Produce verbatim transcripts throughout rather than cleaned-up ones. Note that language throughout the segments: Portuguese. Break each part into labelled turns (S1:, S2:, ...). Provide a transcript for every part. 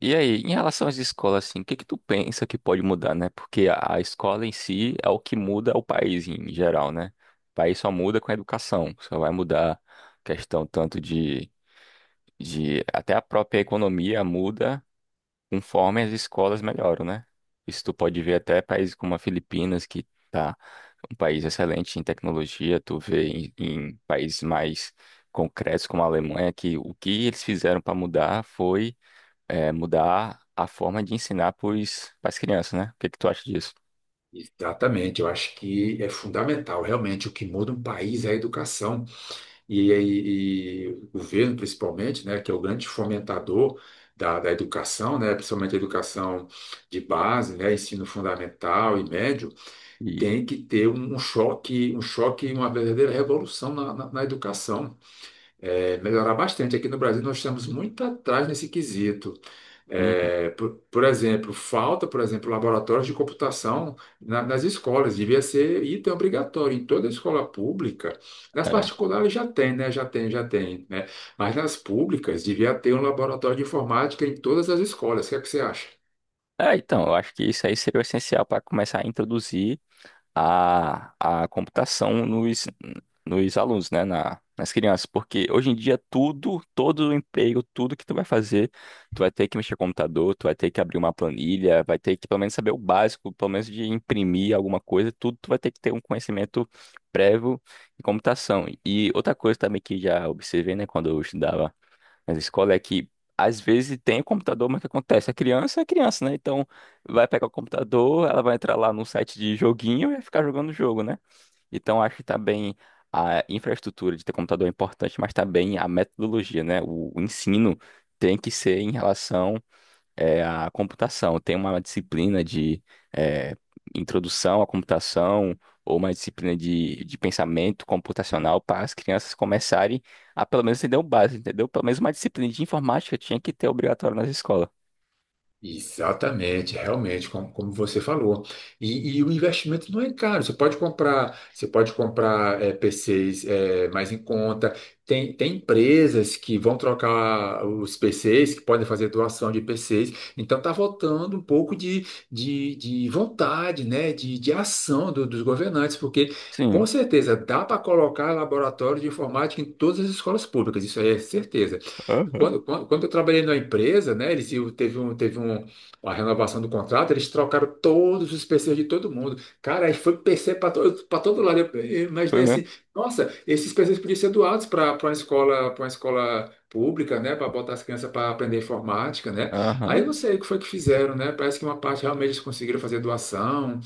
S1: E aí, em relação às escolas, assim, o que que tu pensa que pode mudar, né? Porque a a escola em si é o que muda o país em geral, né? O país só muda com a educação, só vai mudar questão tanto de, de até a própria economia muda conforme as escolas melhoram, né? Isso tu pode ver até países como a Filipinas, que tá um país excelente em tecnologia. Tu vê em, em países mais concretos como a Alemanha, que o que eles fizeram para mudar foi é, mudar a forma de ensinar para as crianças, né? O que que tu acha disso?
S2: Exatamente, eu acho que é fundamental. Realmente, o que muda um país é a educação e, e- e o governo, principalmente, né, que é o grande fomentador da, da educação, né, principalmente a educação de base, né, ensino fundamental e médio,
S1: E.
S2: tem que ter um, um choque, um choque, e uma verdadeira revolução na, na, na educação. É, melhorar bastante. Aqui no Brasil, nós estamos muito atrás nesse quesito.
S1: Uhum.
S2: É, por, por exemplo, falta, por exemplo, laboratórios de computação na- nas escolas, devia ser item obrigatório em toda escola pública. Nas
S1: É.
S2: particulares já tem, né? Já tem, já tem, né? Mas nas públicas devia ter um laboratório de informática em todas as escolas. O que é que você acha?
S1: É, então, eu acho que isso aí seria o essencial para começar a introduzir a, a computação nos, nos alunos, né? Na, nas crianças. Porque hoje em dia tudo, todo o emprego, tudo que tu vai fazer, tu vai ter que mexer com o computador, tu vai ter que abrir uma planilha, vai ter que pelo menos saber o básico, pelo menos de imprimir alguma coisa, tudo tu vai ter que ter um conhecimento prévio em computação. E outra coisa também que já observei, né, quando eu estudava, mas a escola é que às vezes tem o computador, mas o que acontece? A criança é criança, né? Então vai pegar o computador, ela vai entrar lá no site de joguinho e vai ficar jogando o jogo, né? Então acho que tá bem, a infraestrutura de ter computador é importante, mas tá bem a metodologia, né? O, o ensino tem que ser em relação é a computação. Tem uma disciplina de é, introdução à computação ou uma disciplina de, de pensamento computacional para as crianças começarem a pelo menos entender o básico, entendeu? Pelo menos uma disciplina de informática tinha que ter obrigatório nas escolas.
S2: Exatamente, realmente, como, como você falou. E, e o investimento não é caro. Você pode comprar, você pode comprar eh, P Cs eh, mais em conta. Tem, tem empresas que vão trocar os P Cs, que podem fazer doação de P Cs. Então está voltando um pouco de, de, de vontade, né? De, de ação do- dos governantes, porque com
S1: Sim.
S2: certeza dá para colocar laboratório de informática em todas as escolas públicas, isso aí é certeza.
S1: Aham.
S2: Quando, quando, quando eu trabalhei na empresa, né, eles iam- teve um, teve um, uma renovação do contrato, eles trocaram todos os P Cs de todo mundo. Cara, aí foi P C para todo, para todo lado. Eu eu
S1: Foi
S2: imaginei
S1: mesmo?
S2: assim, nossa, esses P Cs podiam ser doados para uma escola, para uma escola pública, né, para botar as crianças para aprender informática, né? Aí
S1: Aham.
S2: eu não sei o que foi que fizeram, né? Parece que uma parte realmente eles conseguiram fazer doação,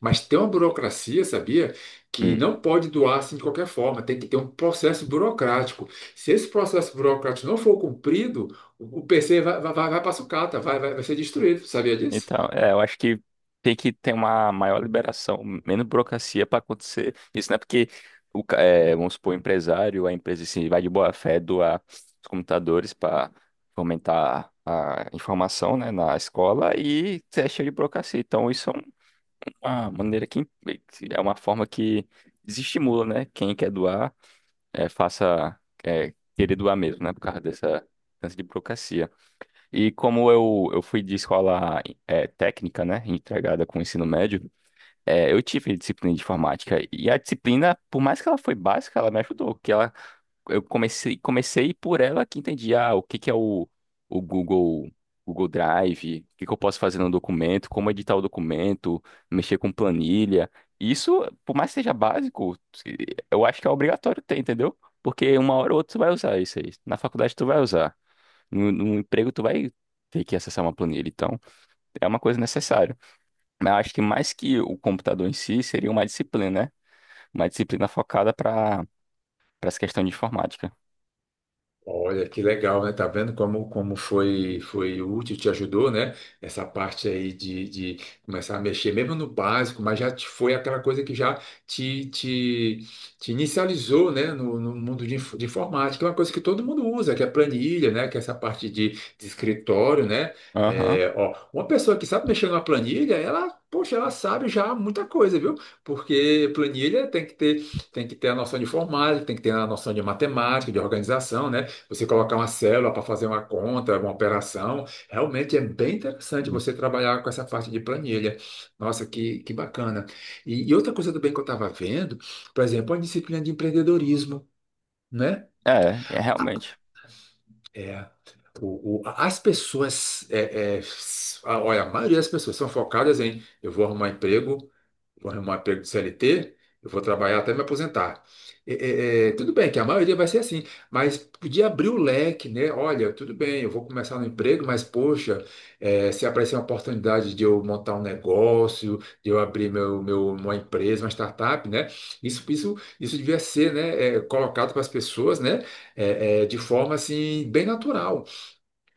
S2: mas tem uma burocracia, sabia? Que
S1: Hum.
S2: não pode doar assim de qualquer forma, tem que ter um processo burocrático. Se esse processo burocrático não for cumprido, o o P C vai, vai, vai para sucata, vai, vai, vai ser destruído, sabia disso?
S1: Então, é, eu acho que tem que ter uma maior liberação, menos burocracia para acontecer isso, né? Porque o, ca- é, vamos supor, o empresário, a empresa assim, vai de boa fé doar os computadores para fomentar a informação, né, na escola e é cheio de burocracia. Então, isso é uma maneira que é uma forma que desestimula, né? Quem quer doar, é, faça, é, querer doar mesmo, né? Por causa dessa, dessa de burocracia. E como eu, eu fui de escola eh, técnica, né, entregada com o ensino médio. Eh, eu tive disciplina de informática. E a disciplina, por mais que ela foi básica, ela me ajudou. Que ela, eu comecei, comecei por ela que entendi, ah, o que que é o, o Google, Google Drive, o que que eu posso fazer no documento, como editar o documento, mexer com planilha. Isso, por mais que seja básico, eu acho que é obrigatório ter, entendeu? Porque uma hora ou outra tu vai usar isso aí. Na faculdade tu vai usar. No, no emprego, tu vai ter que acessar uma planilha, então é uma coisa necessária. Mas eu acho que mais que o computador em si, seria uma disciplina, né? Uma disciplina focada para para essa questão de informática.
S2: Olha, que legal, né? Tá vendo como, como foi, foi útil, te ajudou, né? Essa parte aí de, de começar a mexer, mesmo no básico, mas já te- foi aquela coisa que já te, te, te inicializou, né? No, no mundo de, inf- de informática, é uma coisa que todo mundo usa, que é planilha, né? Que é essa parte de, de escritório, né?
S1: Aham.
S2: É, ó, uma pessoa que sabe mexer numa planilha, ela, poxa, ela sabe já muita coisa, viu? Porque planilha tem que ter tem que ter a noção de informática, tem que ter a noção de matemática, de organização, né? Você colocar uma célula para fazer uma conta, uma operação. Realmente é bem interessante você trabalhar com essa parte de planilha. Nossa, que, que bacana. E, e outra coisa também que eu estava vendo, por exemplo, a disciplina de empreendedorismo, né?
S1: É, é realmente.
S2: É, o, o- as pessoas, é, é, s- a- olha, a maioria das pessoas são focadas em eu vou arrumar emprego, vou arrumar um emprego de C L T, eu vou trabalhar até me aposentar. É, é, é, tudo bem que a maioria vai ser assim, mas podia abrir o leque, né? Olha, tudo bem, eu vou começar no emprego, mas poxa, é, se aparecer uma oportunidade de eu montar um negócio, de eu abrir meu, meu, uma empresa, uma startup, né? Isso, isso, isso devia ser, né, é, colocado para as pessoas, né? é, é, de forma assim, bem natural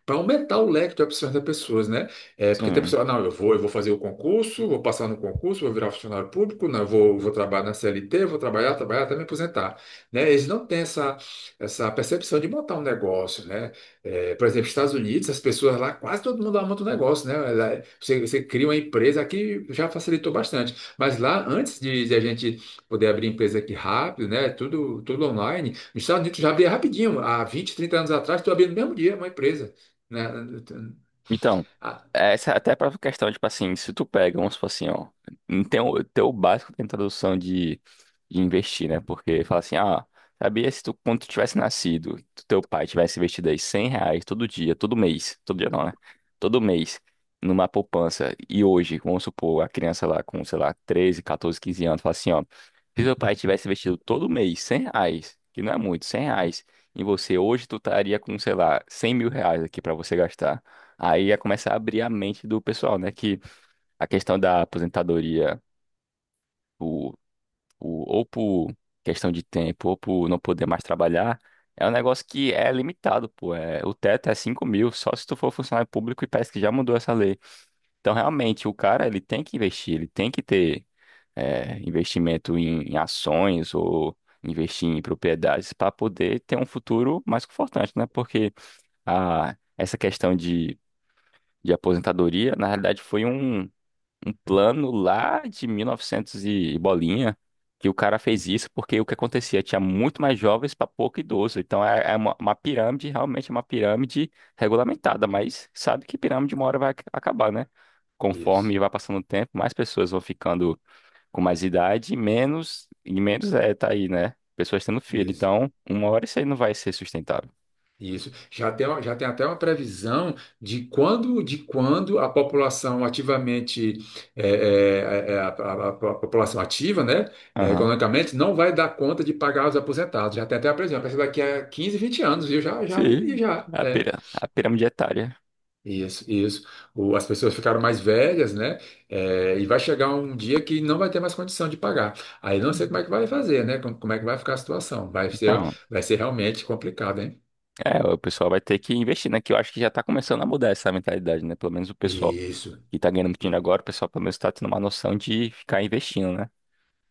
S2: para aumentar o leque de opções das pessoas, né? É, porque tem
S1: Sim.
S2: pessoa, "Ah, não, eu vou, eu vou fazer o concurso, vou passar no concurso, vou virar funcionário público, não, eu vou, vou trabalhar na C L T, vou trabalhar, trabalhar até me aposentar, né? Eles não têm essa, essa percepção de montar um negócio, né? É, por exemplo, Estados Unidos, as pessoas lá, quase todo mundo lá monta um negócio, né? Ela- Você, você cria uma empresa, aqui já facilitou bastante, mas lá, antes de, de a gente poder abrir empresa aqui rápido, né? Tudo, tudo online, nos Estados Unidos já abria rapidinho, há vinte, trinta anos atrás, tu abria no mesmo dia uma empresa né?
S1: Então,
S2: Ah,
S1: essa é até para própria questão, tipo assim, se tu pega, vamos supor assim, ó, não tem o, tem o básico, tem tradução de, de investir, né? Porque fala assim, ah, sabia se tu, quando tu tivesse nascido, tu- teu pai tivesse investido aí cem reais todo dia, todo mês, todo dia não, né? Todo mês, numa poupança, e hoje, vamos supor, a criança lá com, sei lá, treze catorze quinze anos, fala assim, ó, se teu pai tivesse investido todo mês cem reais, que não é muito, cem reais, em você, hoje tu estaria com, sei lá, cem mil reais aqui para você gastar. Aí ia começar a abrir a mente do pessoal, né? Que a questão da aposentadoria, o, o, ou por questão de tempo, ou por não poder mais trabalhar, é um negócio que é limitado, pô. É, o teto é cinco mil, só se tu for funcionário público, e parece que já mudou essa lei. Então, realmente, o cara, ele tem que investir, ele tem que ter é, investimento em, em ações ou investir em propriedades para poder ter um futuro mais confortante, né? Porque a, essa questão de de aposentadoria, na realidade foi um, um plano lá de mil e novecentos e novecentos e e bolinha que o cara fez isso, porque o que acontecia? Tinha muito mais jovens para pouco idoso. Então é, é uma, uma pirâmide, realmente é uma pirâmide regulamentada, mas sabe que pirâmide uma hora vai ac- acabar, né?
S2: Isso,
S1: Conforme vai passando o tempo, mais pessoas vão ficando com mais idade, e menos, e menos é, tá aí, né? Pessoas tendo filho.
S2: isso,
S1: Então, uma hora isso aí não vai ser sustentável.
S2: isso. Já tem, já tem até uma previsão de quando, de quando a população ativamente, é, é, é, é, a, a- a população ativa, né, é,
S1: Aham.
S2: economicamente, não vai dar conta de pagar os aposentados. Já tem até a previsão, parece que daqui a quinze vinte anos, viu? Já, já, vi,
S1: Sim,
S2: já.
S1: a
S2: É.
S1: pira- a pirâmide etária.
S2: Isso, isso. O- as pessoas ficaram mais velhas, né? É, e vai chegar um dia que não vai ter mais condição de pagar. Aí não sei como é que vai fazer, né? Como, como é que vai ficar a situação? Vai ser,
S1: Então.
S2: vai ser realmente complicado, hein?
S1: É, o pessoal vai ter que investir, né? Que eu acho que já tá começando a mudar essa mentalidade, né? Pelo menos o pessoal
S2: Isso.
S1: que tá ganhando dinheiro agora, o pessoal pelo menos tá tendo uma noção de ficar investindo, né?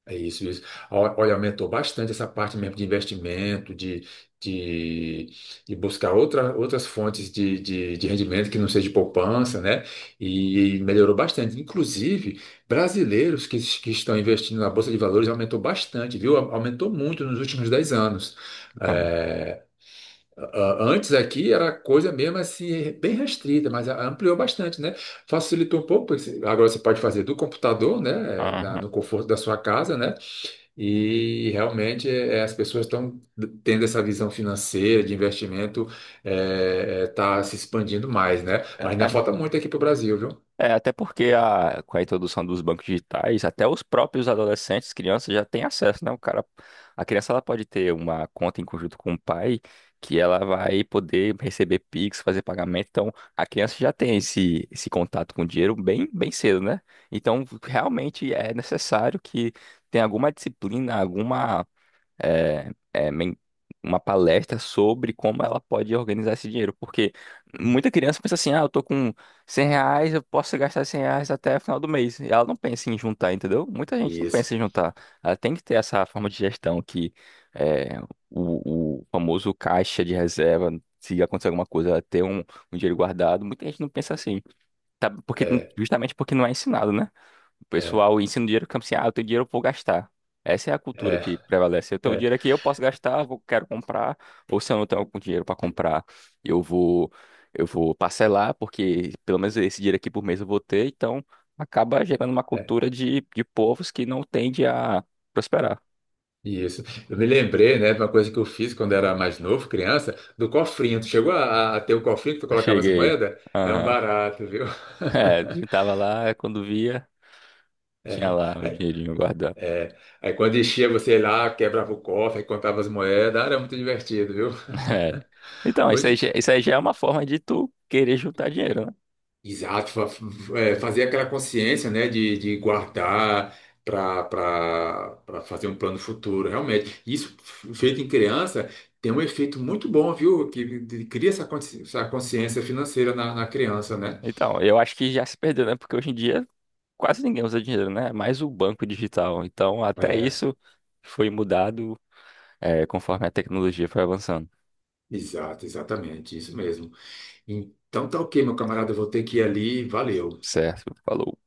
S2: É isso, isso. Ó- Olha, aumentou bastante essa parte mesmo de investimento, de, de, de buscar outra, outras fontes de, de, de rendimento que não seja de poupança, né? E, melhorou bastante. Inclusive, brasileiros que, que estão investindo na Bolsa de Valores aumentou bastante, viu? Aumentou muito nos últimos dez anos.
S1: Então.
S2: É, a- antes aqui era coisa mesmo assim, bem restrita, mas ampliou bastante, né? Facilitou um pouco, porque agora você pode fazer do computador, né? É, Na-
S1: Aham.
S2: No conforto da sua casa, né? E realmente é, as pessoas estão tendo essa visão financeira de investimento, está se expandindo mais, né? Mas ainda falta muito aqui para o Brasil, viu?
S1: É, até porque a, com a introdução dos bancos digitais, até os próprios adolescentes, crianças já têm acesso, né? O cara, a criança ela pode ter uma conta em conjunto com o pai, que ela vai poder receber Pix, fazer pagamento. Então, a criança já tem esse, esse contato com o dinheiro bem, bem cedo, né? Então, realmente é necessário que tenha alguma disciplina, alguma é, é, men- uma palestra sobre como ela pode organizar esse dinheiro. Porque muita criança pensa assim, ah, eu tô com cem reais, eu posso gastar cem reais até o final do mês. E ela não pensa em juntar, entendeu? Muita gente não
S2: Isso.
S1: pensa em juntar. Ela tem que ter essa forma de gestão que é, o, o famoso caixa de reserva, se acontecer alguma coisa, ela ter um, um dinheiro guardado. Muita gente não pensa assim, tá? Porque,
S2: É,
S1: justamente porque não é ensinado, né? O
S2: é,
S1: pessoal ensina o dinheiro como assim, ah, eu tenho dinheiro, eu vou gastar. Essa é a cultura
S2: é,
S1: que prevalece. Eu tenho
S2: é,
S1: dinheiro aqui, eu posso gastar, vou, quero comprar, ou se eu não tenho algum dinheiro para comprar, eu vou eu vou parcelar, porque pelo menos esse dinheiro aqui por mês eu vou ter, então acaba gerando uma
S2: é,
S1: cultura de, de povos que não tende a prosperar.
S2: isso. Eu me lembrei, né, de uma coisa que eu fiz quando era mais novo, criança, do cofrinho. Tu chegou a, a- a ter o cofrinho que tu colocava as
S1: Cheguei.
S2: moedas? É um
S1: Aham.
S2: barato, viu?
S1: É, a gente tava lá, quando via, tinha
S2: É,
S1: lá o
S2: aí,
S1: dinheirinho guardado.
S2: é. Aí quando enchia, você ia lá, quebrava o cofre, aí contava as moedas. Ah, era muito divertido, viu?
S1: É. Então, isso aí,
S2: Hoje,
S1: já- isso aí já é uma forma de tu querer juntar dinheiro, né?
S2: Exato, fa- é, fazer aquela consciência, né, de, de guardar para fazer um plano futuro, realmente. Isso f- feito em criança tem um efeito muito bom, viu? Que de- cria essa consci- essa consciência financeira na, na criança, né?
S1: Então, eu acho que já se perdeu, né? Porque hoje em dia quase ninguém usa dinheiro, né? É mais o banco digital. Então, até
S2: É,
S1: isso foi mudado, é, conforme a tecnologia foi avançando.
S2: exato, exatamente, isso mesmo. Então tá ok, meu camarada, eu vou ter que ir ali, valeu.
S1: Certo, falou.